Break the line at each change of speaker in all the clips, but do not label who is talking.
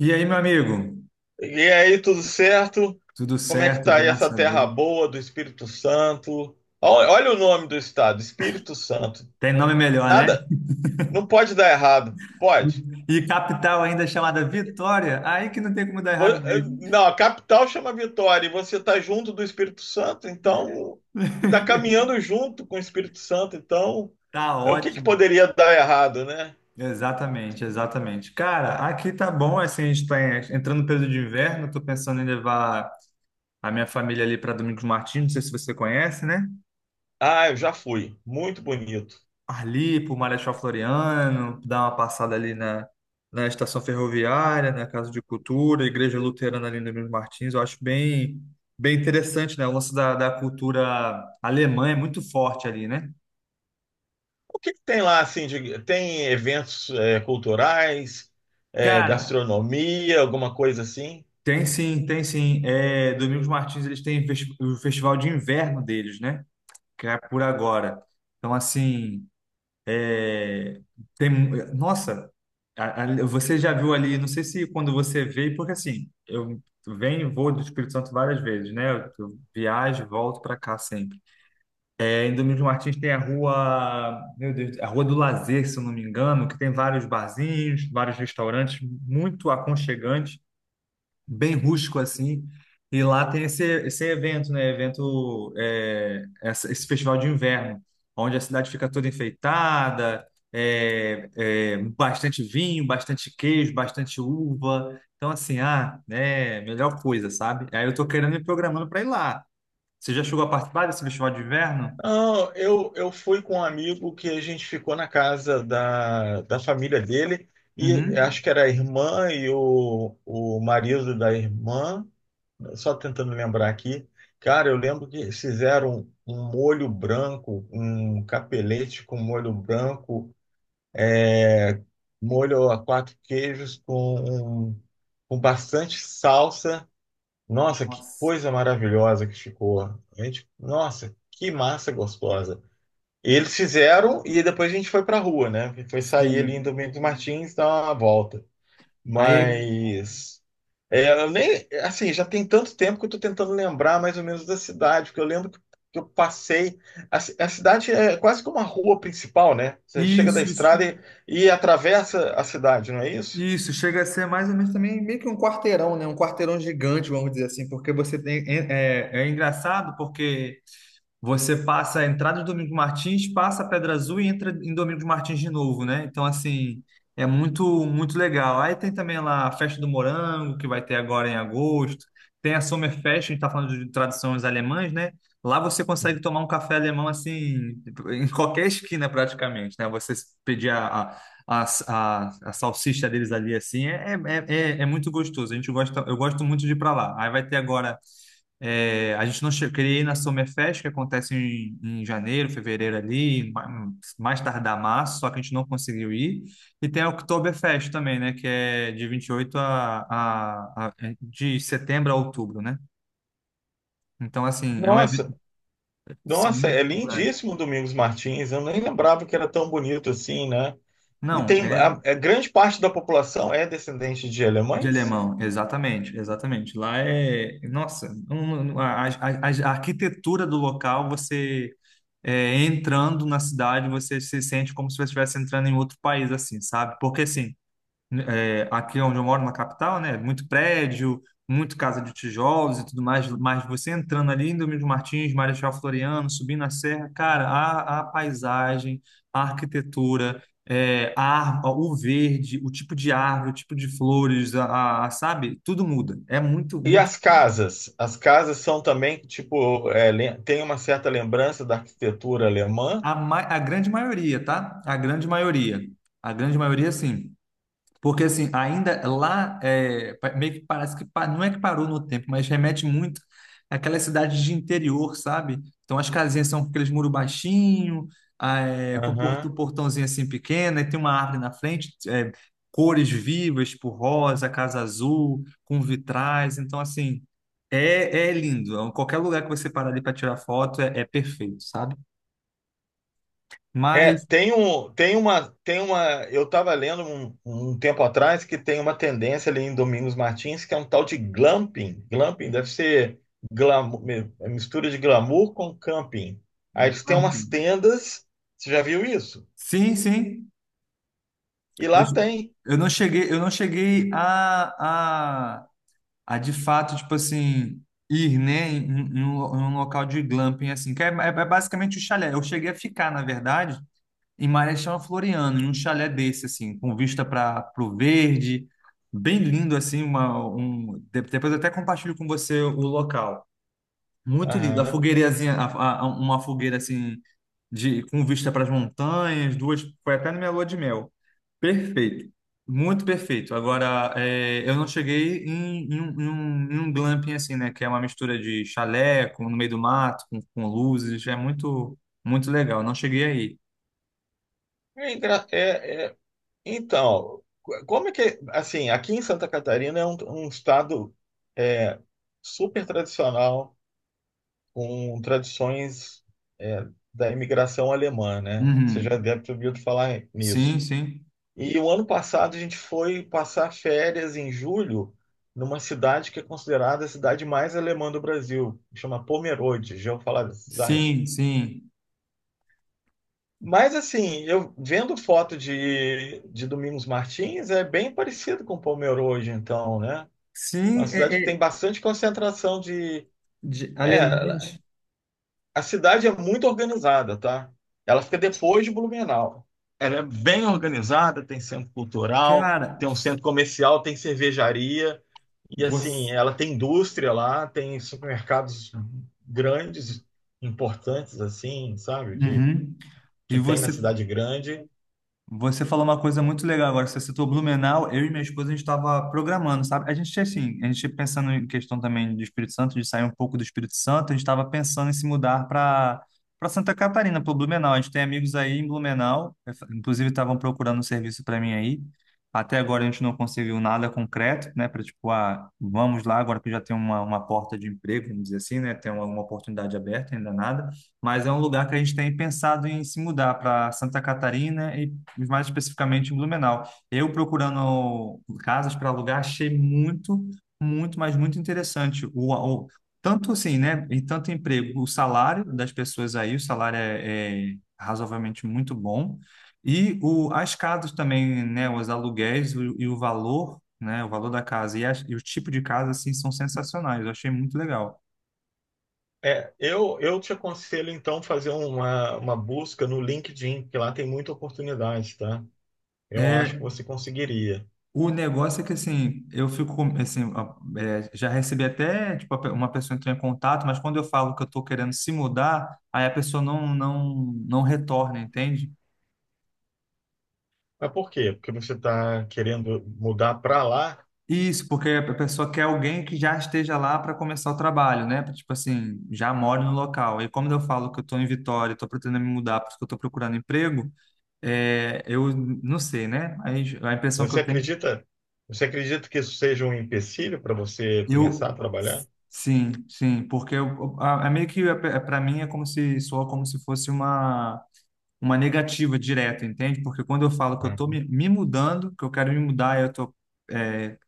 E aí, meu amigo?
E aí, tudo certo?
Tudo
Como é que
certo,
tá aí essa
graças a
terra
Deus.
boa do Espírito Santo? Olha, olha o nome do estado, Espírito Santo.
Tem nome melhor, né?
Nada, não pode dar errado. Pode.
E capital ainda chamada Vitória, aí que não tem como dar errado mesmo.
Não, a capital chama Vitória e você tá junto do Espírito Santo, então tá caminhando junto com o Espírito Santo, então
Tá
o que que
ótimo.
poderia dar errado, né?
Exatamente, exatamente. Cara, aqui tá bom, assim, a gente tá entrando no período de inverno, tô pensando em levar a minha família ali para Domingos Martins, não sei se você conhece, né?
Ah, eu já fui. Muito bonito.
Ali por Marechal Floriano, dar uma passada ali na estação ferroviária, na Casa de Cultura, Igreja Luterana ali no Emílio Martins, eu acho bem, bem interessante, né? O lance da cultura alemã é muito forte ali, né?
O que que tem lá assim tem eventos culturais,
Cara,
gastronomia, alguma coisa assim?
tem sim, tem sim. É, Domingos Martins, eles têm o festival de inverno deles, né? Que é por agora. Então, assim. É, tem, nossa, você já viu ali, não sei se quando você veio, porque assim, eu venho e vou do Espírito Santo várias vezes, né? eu viajo, e volto para cá sempre. É, em Domingos Martins tem a rua, meu Deus, a Rua do Lazer, se eu não me engano, que tem vários barzinhos, vários restaurantes muito aconchegantes, bem rústico assim. E lá tem esse evento, né? Evento, é, esse festival de inverno, onde a cidade fica toda enfeitada, bastante vinho, bastante queijo, bastante uva. Então, assim, ah, né? Melhor coisa, sabe? Aí eu tô querendo me programando para ir lá. Você já chegou a participar desse festival de inverno?
Não, eu fui com um amigo que a gente ficou na casa da família dele, e
Uhum.
acho que era a irmã e o marido da irmã, só tentando lembrar aqui. Cara, eu lembro que fizeram um molho branco, um capelete com molho branco, é, molho a quatro queijos com bastante salsa. Nossa, que
Nossa,
coisa maravilhosa que ficou. A gente, nossa, que massa gostosa. Eles fizeram e depois a gente foi pra rua, né? Foi sair ali em
sim.
Domingos Martins, dar uma volta.
Aí é
Mas eu nem assim, já tem tanto tempo que eu tô tentando lembrar mais ou menos da cidade, porque eu lembro que eu passei. A cidade é quase que uma rua principal, né? Você chega da
isso, isso.
estrada e atravessa a cidade, não é isso?
Isso, chega a ser mais ou menos também meio que um quarteirão, né? Um quarteirão gigante, vamos dizer assim, porque você tem. É engraçado porque. Você passa a entrada do Domingos Martins, passa a Pedra Azul e entra em Domingos Martins de novo, né? Então, assim, é muito, muito legal. Aí tem também lá a Festa do Morango, que vai ter agora em agosto. Tem a Sommerfest, a gente tá falando de tradições alemãs, né? Lá você consegue tomar um café alemão, assim, em qualquer esquina praticamente, né? Você pedir a, a, a salsicha deles ali, assim, é muito gostoso. A gente gosta, eu gosto muito de ir pra lá. Aí vai ter agora. É, a gente não queria ir na Summerfest, que acontece em janeiro, fevereiro ali, mais tardar março, só que a gente não conseguiu ir. E tem a Oktoberfest também, né? Que é de 28 de setembro a outubro, né? Então, assim, é um evento,
Nossa,
são
nossa, é
muito culturais.
lindíssimo Domingos Martins. Eu nem lembrava que era tão bonito assim, né? E
Não,
tem a,
é
a grande parte da população é descendente de
de
alemães?
alemão, exatamente, exatamente. Lá é, nossa, a arquitetura do local, você entrando na cidade, você se sente como se você estivesse entrando em outro país, assim, sabe? Porque, assim, aqui onde eu moro, na capital, né? Muito prédio, muito casa de tijolos e tudo mais, mas você entrando ali em Domingos Martins, Marechal Floriano, subindo a serra, cara, a paisagem, a arquitetura, o verde, o tipo de árvore, o tipo de flores, sabe? Tudo muda. É muito,
E
muito.
as casas? As casas são também, tipo, tem uma certa lembrança da arquitetura alemã?
A grande maioria, tá? A grande maioria. A grande maioria, sim. Porque assim, ainda lá, meio que parece que não é que parou no tempo, mas remete muito àquela cidade de interior, sabe? Então as casinhas são com aqueles muros baixinho, um
Aham.
portãozinho assim pequeno, e tem uma árvore na frente, cores vivas, tipo rosa, casa azul, com vitrais. Então, assim, é lindo. Então, qualquer lugar que você parar ali para tirar foto é perfeito, sabe? Mas,
Tem uma, eu estava lendo um tempo atrás que tem uma tendência ali em Domingos Martins que é um tal de glamping. Glamping deve ser glamour, mistura de glamour com camping. Aí eles têm umas
glamping.
tendas, você já viu isso?
Sim, sim.
E
Eu,
lá tem.
eu não cheguei a de fato, tipo assim, ir, né, em um local de glamping, assim, que é basicamente o chalé. Eu cheguei a ficar, na verdade, em Marechal Floriano, em um chalé desse, assim, com vista para o verde, bem lindo, assim, depois eu até compartilho com você o local. Muito lindo. A
Aham.
fogueirazinha, uma fogueira assim, com vista para as montanhas, duas. Foi até na minha lua de mel. Perfeito. Muito perfeito. Agora, eu não cheguei em um glamping assim, né? Que é uma mistura de chalé com, no meio do mato, com luzes. É muito, muito legal. Não cheguei aí.
É, engra- é, é Então, como é que, assim, aqui em Santa Catarina é um estado é, super tradicional, com tradições é, da imigração alemã, né? Você já
Uhum.
deve ter ouvido falar
Sim,
nisso.
sim.
E o ano passado a gente foi passar férias em julho numa cidade que é considerada a cidade mais alemã do Brasil, chama Pomerode. Já ouviu falar dessa cidade?
Sim, sim.
Mas assim, eu vendo foto de Domingos Martins, é bem parecido com Palmeira hoje, então, né? É uma
Sim,
cidade que tem bastante concentração de.
de
É,
alemães.
a cidade é muito organizada, tá? Ela fica depois de Blumenau. Ela é bem organizada, tem centro cultural,
Cara,
tem um centro comercial, tem cervejaria, e
você.
assim, ela tem indústria lá, tem supermercados grandes, importantes, assim, sabe? De,
Uhum. E
que tem na
você
cidade grande.
Você falou uma coisa muito legal agora, você citou Blumenau, eu e minha esposa a gente estava programando, sabe? A gente assim, a gente pensando em questão também de Espírito Santo, de sair um pouco do Espírito Santo, a gente estava pensando em se mudar para Santa Catarina, para Blumenau. A gente tem amigos aí em Blumenau, inclusive estavam procurando um serviço para mim aí. Até agora a gente não conseguiu nada concreto, né? Para tipo, ah, vamos lá agora que já tem uma porta de emprego, vamos dizer assim, né? Tem uma oportunidade aberta, ainda nada, mas é um lugar que a gente tem pensado em se mudar para Santa Catarina, mais especificamente em Blumenau. Eu procurando casas para alugar, achei muito, muito, mas muito interessante. O- Tanto assim, né? E tanto emprego, o salário das pessoas aí, o salário é razoavelmente muito bom. as casas também, né? Os aluguéis e o valor, né? O valor da casa e o tipo de casa, assim, são sensacionais. Eu achei muito legal.
É, eu te aconselho então fazer uma busca no LinkedIn, que lá tem muita oportunidade, tá? Eu acho que
É,
você conseguiria.
O negócio é que, assim, eu fico, assim, já recebi até, tipo, uma pessoa entrou em contato, mas quando eu falo que eu estou querendo se mudar, aí a pessoa não, não, não retorna, entende?
Mas por quê? Porque você está querendo mudar para lá.
Isso, porque a pessoa quer alguém que já esteja lá para começar o trabalho, né? Tipo assim, já mora no local. E como eu falo que eu estou em Vitória, estou pretendendo me mudar porque eu estou procurando emprego, eu não sei, né? Aí, a impressão que
Você
eu tenho.
acredita, você acredita que isso seja um empecilho para você começar
Eu
a trabalhar?
sim, sim, porque eu, a é meio que, para mim é como se soa como se fosse uma negativa direta, entende? Porque quando eu falo que eu
Ah.
estou me mudando, que eu quero me mudar, eu estou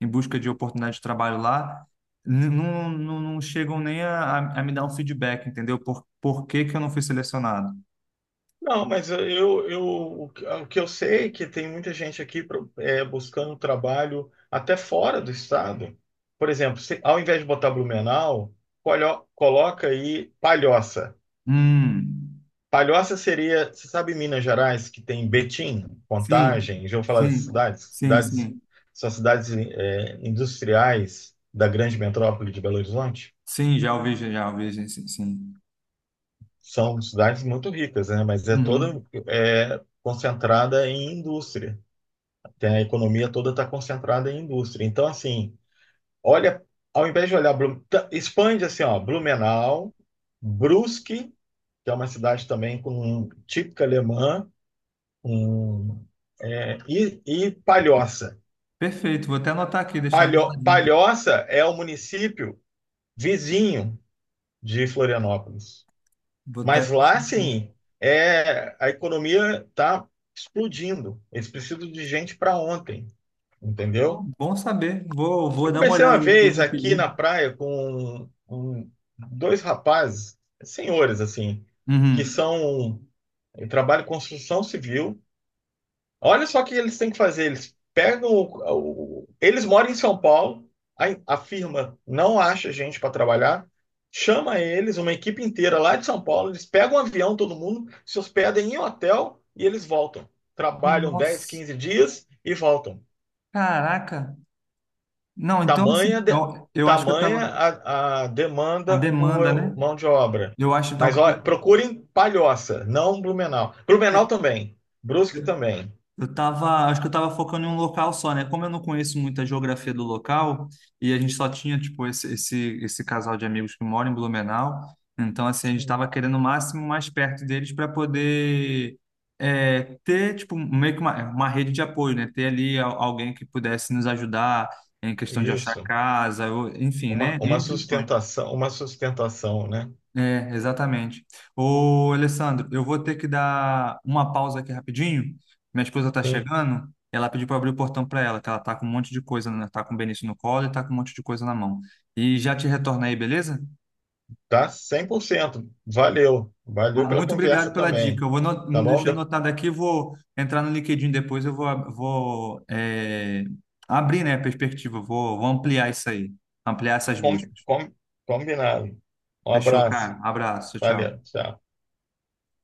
em busca de oportunidade de trabalho lá, não, não, não chegam nem a me dar um feedback, entendeu? Por que que eu não fui selecionado?
Não, mas eu, o que eu sei é que tem muita gente aqui buscando trabalho até fora do estado. Por exemplo, ao invés de botar Blumenau, coloca aí Palhoça.
Hum,
Palhoça seria, você sabe Minas Gerais, que tem Betim,
sim,
Contagem, já vou falar das
sim,
cidades,
sim,
cidades
sim,
são cidades industriais da grande metrópole de Belo Horizonte.
sim, já ouvi, sim, sim, sim.
São cidades muito ricas, né? Mas é
Uhum.
toda concentrada em indústria. Tem a economia toda está concentrada em indústria. Então, assim, olha, ao invés de olhar, expande assim, ó, Blumenau, Brusque, que é uma cidade também com típica alemã. Hum. E Palhoça.
Perfeito, vou até anotar aqui, deixar
Palho,
anotadinho.
Palhoça é o município vizinho de Florianópolis.
Vou até
Mas lá,
fechar aqui.
sim, a economia está explodindo. Eles precisam de gente para ontem,
Pô,
entendeu?
bom saber. Vou
Eu
dar uma
comecei
olhada
uma
depois no
vez aqui
LinkedIn.
na praia com um, dois rapazes, senhores, assim, que
Uhum.
são. Trabalham em construção civil. Olha só o que eles têm que fazer. Eles pegam eles moram em São Paulo, a firma não acha gente para trabalhar, chama eles, uma equipe inteira lá de São Paulo, eles pegam um avião, todo mundo, se hospedem em hotel e eles voltam. Trabalham 10,
Nossa,
15 dias e voltam.
caraca. Não, então assim,
Tamanha, de-
eu acho que eu
tamanha
tava.
a
A
demanda
demanda, né?
por mão de obra.
Eu acho então
Mas
que
olha,
eu,
procurem Palhoça, não Blumenau. Blumenau também, Brusque também.
Eu tava, acho que eu tava focando em um local só, né? Como eu não conheço muito a geografia do local e a gente só tinha, tipo, esse casal de amigos que mora em Blumenau, então, assim, a gente tava
Sim.
querendo o máximo mais perto deles para poder ter, tipo, meio que uma rede de apoio, né? Ter ali alguém que pudesse nos ajudar em questão de achar
Isso.
casa, ou, enfim,
Uma,
né?
uma
N questões.
sustentação, uma sustentação, né?
É, exatamente. Ô, Alessandro, eu vou ter que dar uma pausa aqui rapidinho. Minha esposa tá
Sim,
chegando. Ela pediu para abrir o portão para ela, que ela tá com um monte de coisa, né? Tá com o Benício no colo e tá com um monte de coisa na mão. E já te retorno aí, beleza?
tá 100%. Valeu. Valeu
Mas
pela
muito obrigado
conversa
pela dica.
também.
Eu vou
Tá bom?
deixar anotado aqui, vou entrar no LinkedIn depois, eu vou, ab- vou é, abrir, né, a perspectiva, vou ampliar isso aí, ampliar essas
Com-
buscas.
com- Combinado. Um
Fechou,
abraço.
cara? Abraço, tchau.
Valeu. Tchau.